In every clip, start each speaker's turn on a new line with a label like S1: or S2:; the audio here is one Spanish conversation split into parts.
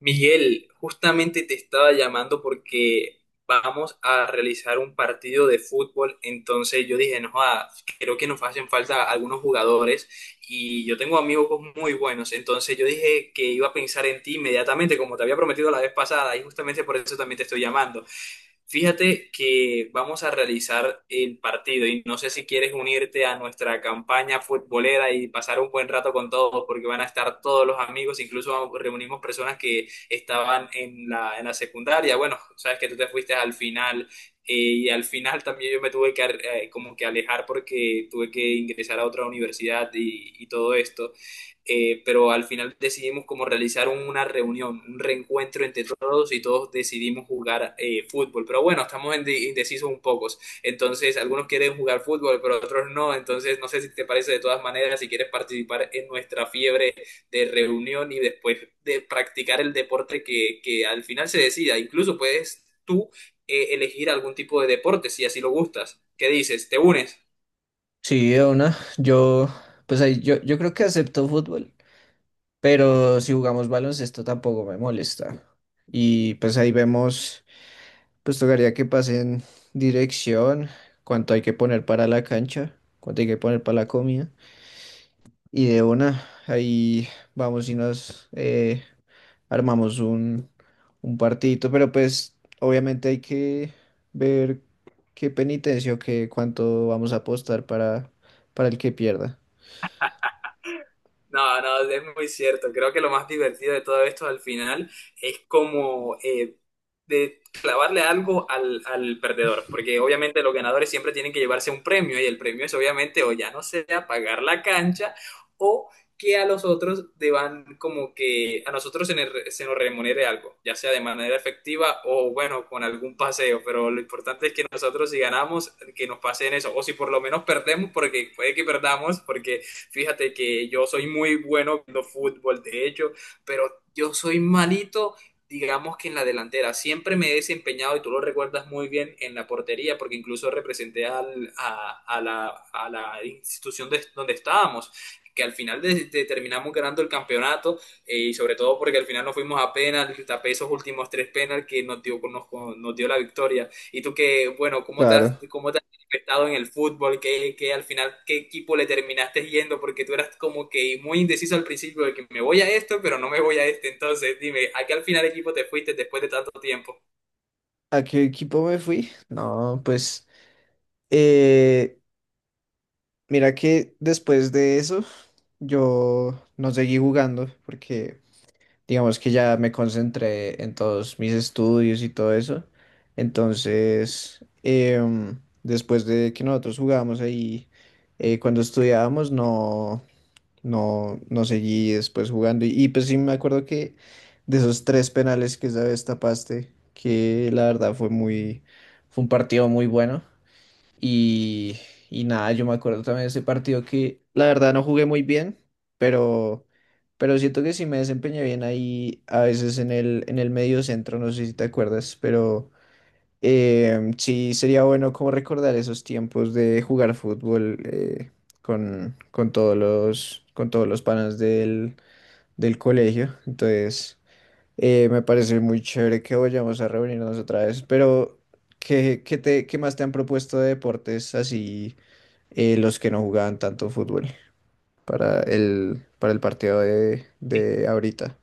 S1: Miguel, justamente te estaba llamando porque vamos a realizar un partido de fútbol, entonces yo dije, no, joda, creo que nos hacen falta algunos jugadores y yo tengo amigos muy buenos, entonces yo dije que iba a pensar en ti inmediatamente, como te había prometido la vez pasada, y justamente por eso también te estoy llamando. Fíjate que vamos a realizar el partido y no sé si quieres unirte a nuestra campaña futbolera y pasar un buen rato con todos, porque van a estar todos los amigos, incluso reunimos personas que estaban en la secundaria. Bueno, sabes que tú te fuiste al final y al final también yo me tuve que como que alejar porque tuve que ingresar a otra universidad y todo esto. Pero al final decidimos como realizar una reunión, un reencuentro entre todos y todos decidimos jugar fútbol. Pero bueno, estamos indecisos un poco. Entonces, algunos quieren jugar fútbol, pero otros no. Entonces, no sé si te parece de todas maneras, si quieres participar en nuestra fiebre de reunión y después de practicar el deporte que al final se decida. Incluso puedes tú elegir algún tipo de deporte si así lo gustas. ¿Qué dices? ¿Te unes?
S2: Sí, de una. Pues ahí, yo creo que acepto fútbol, pero si jugamos baloncesto tampoco me molesta. Y pues ahí vemos, pues tocaría que pasen dirección, cuánto hay que poner para la cancha, cuánto hay que poner para la comida. Y de una, ahí vamos y nos armamos un partidito, pero pues obviamente hay que ver qué penitencia o qué cuánto vamos a apostar para el que pierda.
S1: No, no, es muy cierto. Creo que lo más divertido de todo esto al final es como de clavarle algo al perdedor, porque obviamente los ganadores siempre tienen que llevarse un premio y el premio es obviamente o ya no sea pagar la cancha o que a los otros deban como que a nosotros se nos remunere algo, ya sea de manera efectiva o bueno, con algún paseo, pero lo importante es que nosotros si ganamos, que nos pasen eso, o si por lo menos perdemos, porque puede que perdamos, porque fíjate que yo soy muy bueno viendo fútbol, de hecho, pero yo soy malito, digamos que en la delantera. Siempre me he desempeñado, y tú lo recuerdas muy bien, en la portería, porque incluso representé a la institución donde estábamos, que al final terminamos ganando el campeonato y sobre todo porque al final nos fuimos a penal, tapé esos últimos tres penal que nos dio, nos dio la victoria. Y tú que, bueno,
S2: Claro.
S1: ¿cómo te estado en el fútbol, que al final qué equipo le terminaste yendo, porque tú eras como que muy indeciso al principio de que me voy a esto, pero no me voy a este. Entonces, dime, ¿a qué al final equipo te fuiste después de tanto tiempo?
S2: ¿A qué equipo me fui? No, pues eh, mira que después de eso yo no seguí jugando porque digamos que ya me concentré en todos mis estudios y todo eso. Entonces, después de que nosotros jugábamos ahí, cuando estudiábamos, no seguí después jugando. Pues sí me acuerdo que de esos tres penales que esa vez tapaste, que la verdad fue muy, fue un partido muy bueno. Y, y nada, yo me acuerdo también de ese partido que la verdad no jugué muy bien, pero, pero siento que sí me desempeñé bien ahí a veces en el medio centro, no sé si te acuerdas, pero sí, sería bueno como recordar esos tiempos de jugar fútbol, con todos los panas del colegio. Entonces, me parece muy chévere que vayamos a reunirnos otra vez. Pero, ¿Qué más te han propuesto de deportes así, los que no jugaban tanto fútbol para para el partido de ahorita?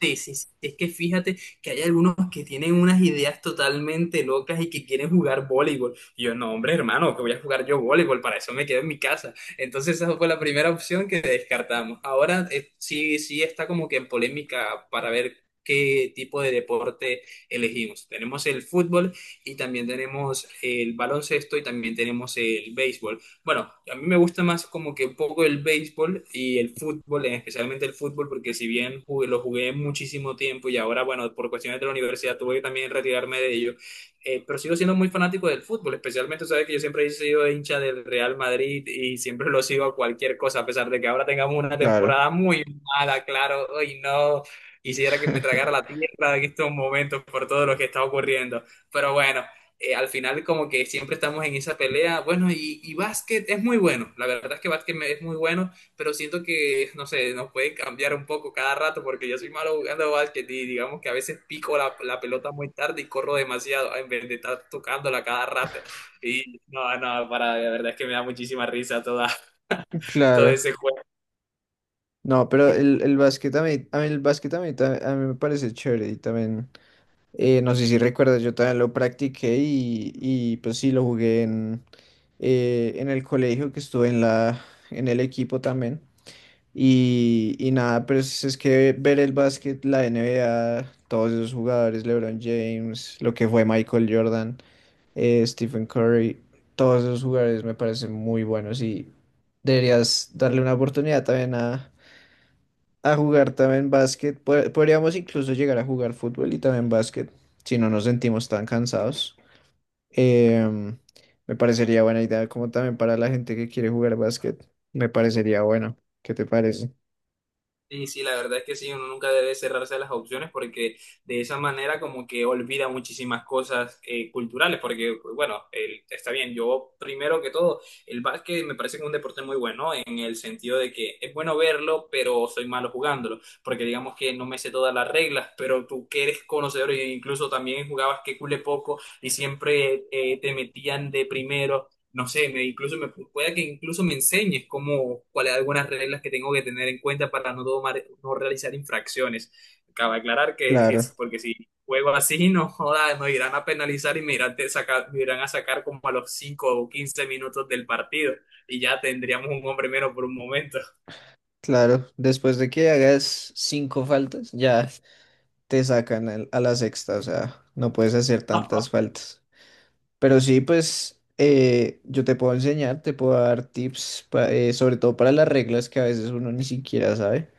S1: Sí, sí, sí, es que fíjate que hay algunos que tienen unas ideas totalmente locas y que quieren jugar voleibol. Y yo, no, hombre, hermano, que voy a jugar yo voleibol, para eso me quedo en mi casa. Entonces esa fue la primera opción que descartamos. Ahora sí, sí está como que en polémica para ver qué tipo de deporte elegimos. Tenemos el fútbol y también tenemos el baloncesto y también tenemos el béisbol. Bueno, a mí me gusta más como que un poco el béisbol y el fútbol, especialmente el fútbol, porque si bien lo jugué muchísimo tiempo y ahora, bueno, por cuestiones de la universidad tuve que también retirarme de ello, pero sigo siendo muy fanático del fútbol, especialmente, sabes que yo siempre he sido hincha del Real Madrid y siempre lo sigo a cualquier cosa, a pesar de que ahora tengamos una
S2: Claro,
S1: temporada muy mala, claro, hoy no, quisiera que me tragara la tierra en estos momentos por todo lo que está ocurriendo, pero bueno, al final como que siempre estamos en esa pelea. Bueno, y básquet es muy bueno. La verdad es que es muy bueno, pero siento que, no sé, nos puede cambiar un poco cada rato porque yo soy malo jugando básquet y digamos que a veces pico la pelota muy tarde y corro demasiado en vez de estar tocándola cada rato. Y no, no, para, la verdad es que me da muchísima risa toda, todo
S2: claro.
S1: ese juego.
S2: No, pero el básquet a mí el básquet a mí me parece chévere y también, no sé si recuerdas, yo también lo practiqué y pues sí, lo jugué en el colegio que estuve en la, en el equipo también. Y nada, pero es que ver el básquet, la NBA, todos esos jugadores, LeBron James, lo que fue Michael Jordan, Stephen Curry, todos esos jugadores me parecen muy buenos y deberías darle una oportunidad también a jugar también básquet. Podríamos incluso llegar a jugar fútbol y también básquet, si no nos sentimos tan cansados. Em, Me parecería buena idea, como también para la gente que quiere jugar básquet. Me parecería bueno. ¿Qué te parece?
S1: Sí, sí, la verdad es que sí, uno nunca debe cerrarse a las opciones porque de esa manera como que olvida muchísimas cosas culturales, porque bueno, está bien, yo primero que todo, el básquet me parece que es un deporte muy bueno en el sentido de que es bueno verlo, pero soy malo jugándolo, porque digamos que no me sé todas las reglas, pero tú que eres conocedor e incluso también jugabas que cule poco y siempre te metían de primero, no sé, incluso me pueda que incluso me enseñes cómo, cuáles algunas reglas que tengo que tener en cuenta para no tomar, no realizar infracciones. Acaba de aclarar que es
S2: Claro,
S1: porque si juego así, no joda, me irán a penalizar y me me irán a sacar como a los 5 o 15 minutos del partido y ya tendríamos un hombre menos por un momento.
S2: claro. Después de que hagas cinco faltas, ya te sacan a la sexta, o sea, no puedes hacer tantas faltas. Pero sí, pues yo te puedo enseñar, te puedo dar tips, sobre todo para las reglas que a veces uno ni siquiera sabe.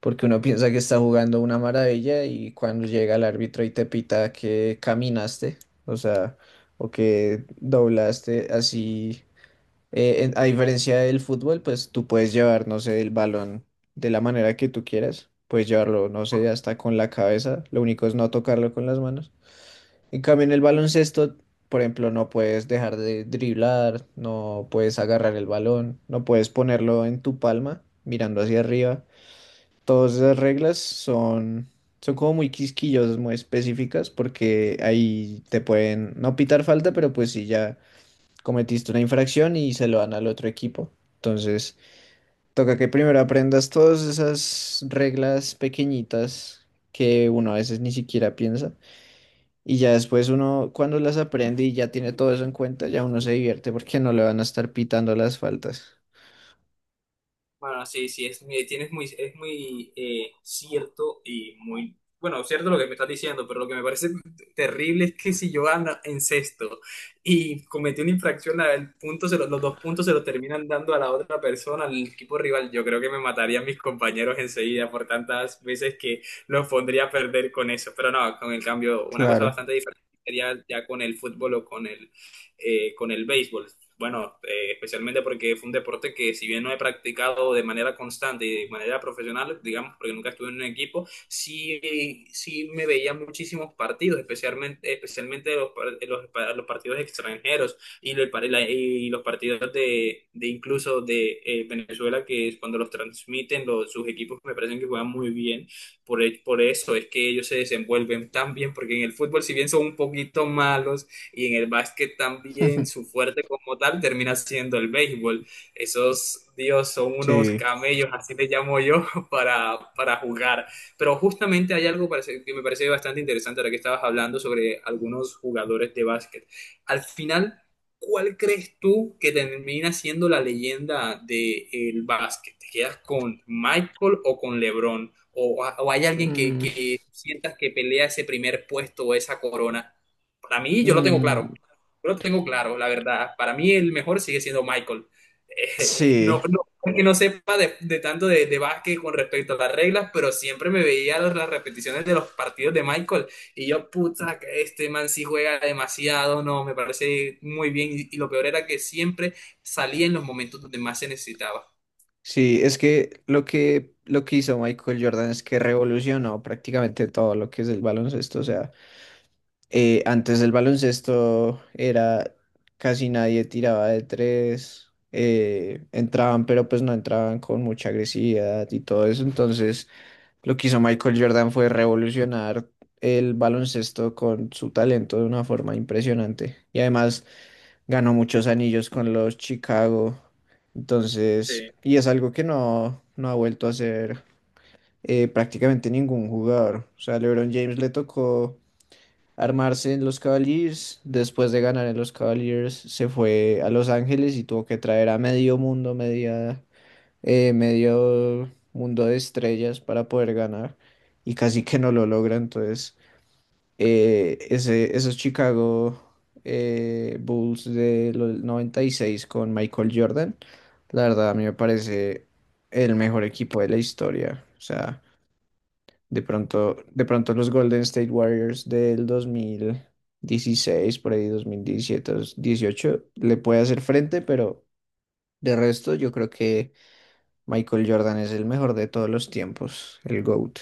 S2: Porque uno piensa que está jugando una maravilla y cuando llega el árbitro y te pita que caminaste, o sea, o que doblaste así, a diferencia del fútbol, pues tú puedes llevar, no sé, el balón de la manera que tú quieras, puedes llevarlo, no sé, hasta con la cabeza, lo único es no tocarlo con las manos. En cambio, en el baloncesto, por ejemplo, no puedes dejar de driblar, no puedes agarrar el balón, no puedes ponerlo en tu palma mirando hacia arriba. Todas esas reglas son como muy quisquillosas, muy específicas, porque ahí te pueden no pitar falta, pero pues si ya cometiste una infracción y se lo dan al otro equipo. Entonces, toca que primero aprendas todas esas reglas pequeñitas que uno a veces ni siquiera piensa. Y ya después uno, cuando las aprende y ya tiene todo eso en cuenta, ya uno se divierte porque no le van a estar pitando las faltas.
S1: Bueno, sí, sí, es, tienes muy, es muy cierto y muy, bueno, cierto lo que me estás diciendo, pero lo que me parece terrible es que si yo ando en sexto y cometí una infracción, la- el punto se lo- los dos puntos se los terminan dando a la otra persona, al equipo rival, yo creo que me matarían mis compañeros enseguida por tantas veces que los pondría a perder con eso, pero no, con el cambio, una cosa
S2: Claro.
S1: bastante diferente sería ya con el fútbol o con el béisbol. Bueno, especialmente porque fue un deporte que si bien no he practicado de manera constante y de manera profesional, digamos, porque nunca estuve en un equipo, sí, sí me veía muchísimos partidos, especialmente, especialmente los partidos extranjeros y los partidos de incluso de Venezuela, que es cuando los transmiten los, sus equipos me parecen que juegan muy bien. Por eso es que ellos se desenvuelven tan bien, porque en el fútbol, si bien son un poquito malos, y en el básquet también su fuerte como tal termina siendo el béisbol. Esos, Dios, son unos
S2: Sí.
S1: camellos, así les llamo yo, para jugar. Pero justamente hay algo que me parece bastante interesante ahora que estabas hablando sobre algunos jugadores de básquet. Al final, ¿cuál crees tú que termina siendo la leyenda del básquet? ¿Te quedas con Michael o con LeBron? ¿O hay alguien
S2: Mm,
S1: que sientas que pelea ese primer puesto o esa corona? Para mí, yo lo tengo claro.
S2: mm,
S1: Yo lo tengo claro, la verdad. Para mí el mejor sigue siendo Michael.
S2: sí.
S1: No, no es que no sepa de tanto de básquet con respecto a las reglas, pero siempre me veía las repeticiones de los partidos de Michael y yo, puta, que este man sí juega demasiado, no, me parece muy bien y lo peor era que siempre salía en los momentos donde más se necesitaba.
S2: Sí, es que lo que hizo Michael Jordan es que revolucionó prácticamente todo lo que es el baloncesto. O sea, antes del baloncesto era casi nadie tiraba de tres, entraban, pero pues no entraban con mucha agresividad y todo eso. Entonces, lo que hizo Michael Jordan fue revolucionar el baloncesto con su talento de una forma impresionante. Y además ganó muchos anillos con los Chicago. Entonces,
S1: Sí.
S2: y es algo que no ha vuelto a hacer, prácticamente ningún jugador. O sea, LeBron James le tocó armarse en los Cavaliers. Después de ganar en los Cavaliers, se fue a Los Ángeles y tuvo que traer a medio mundo, medio mundo de estrellas para poder ganar. Y casi que no lo logra. Entonces esos Chicago Bulls del 96 con Michael Jordan, la verdad a mí me parece el mejor equipo de la historia. O sea, de pronto los Golden State Warriors del 2016, por ahí 2017, 2018, le puede hacer frente, pero de resto yo creo que Michael Jordan es el mejor de todos los tiempos, el GOAT.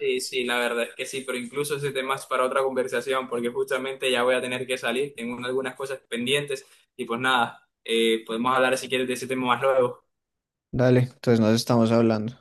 S1: Sí, sí, la verdad es que sí, pero incluso ese tema es para otra conversación, porque justamente ya voy a tener que salir, tengo algunas cosas pendientes y pues nada, podemos hablar si quieres de ese tema más luego.
S2: Dale, entonces nos estamos hablando.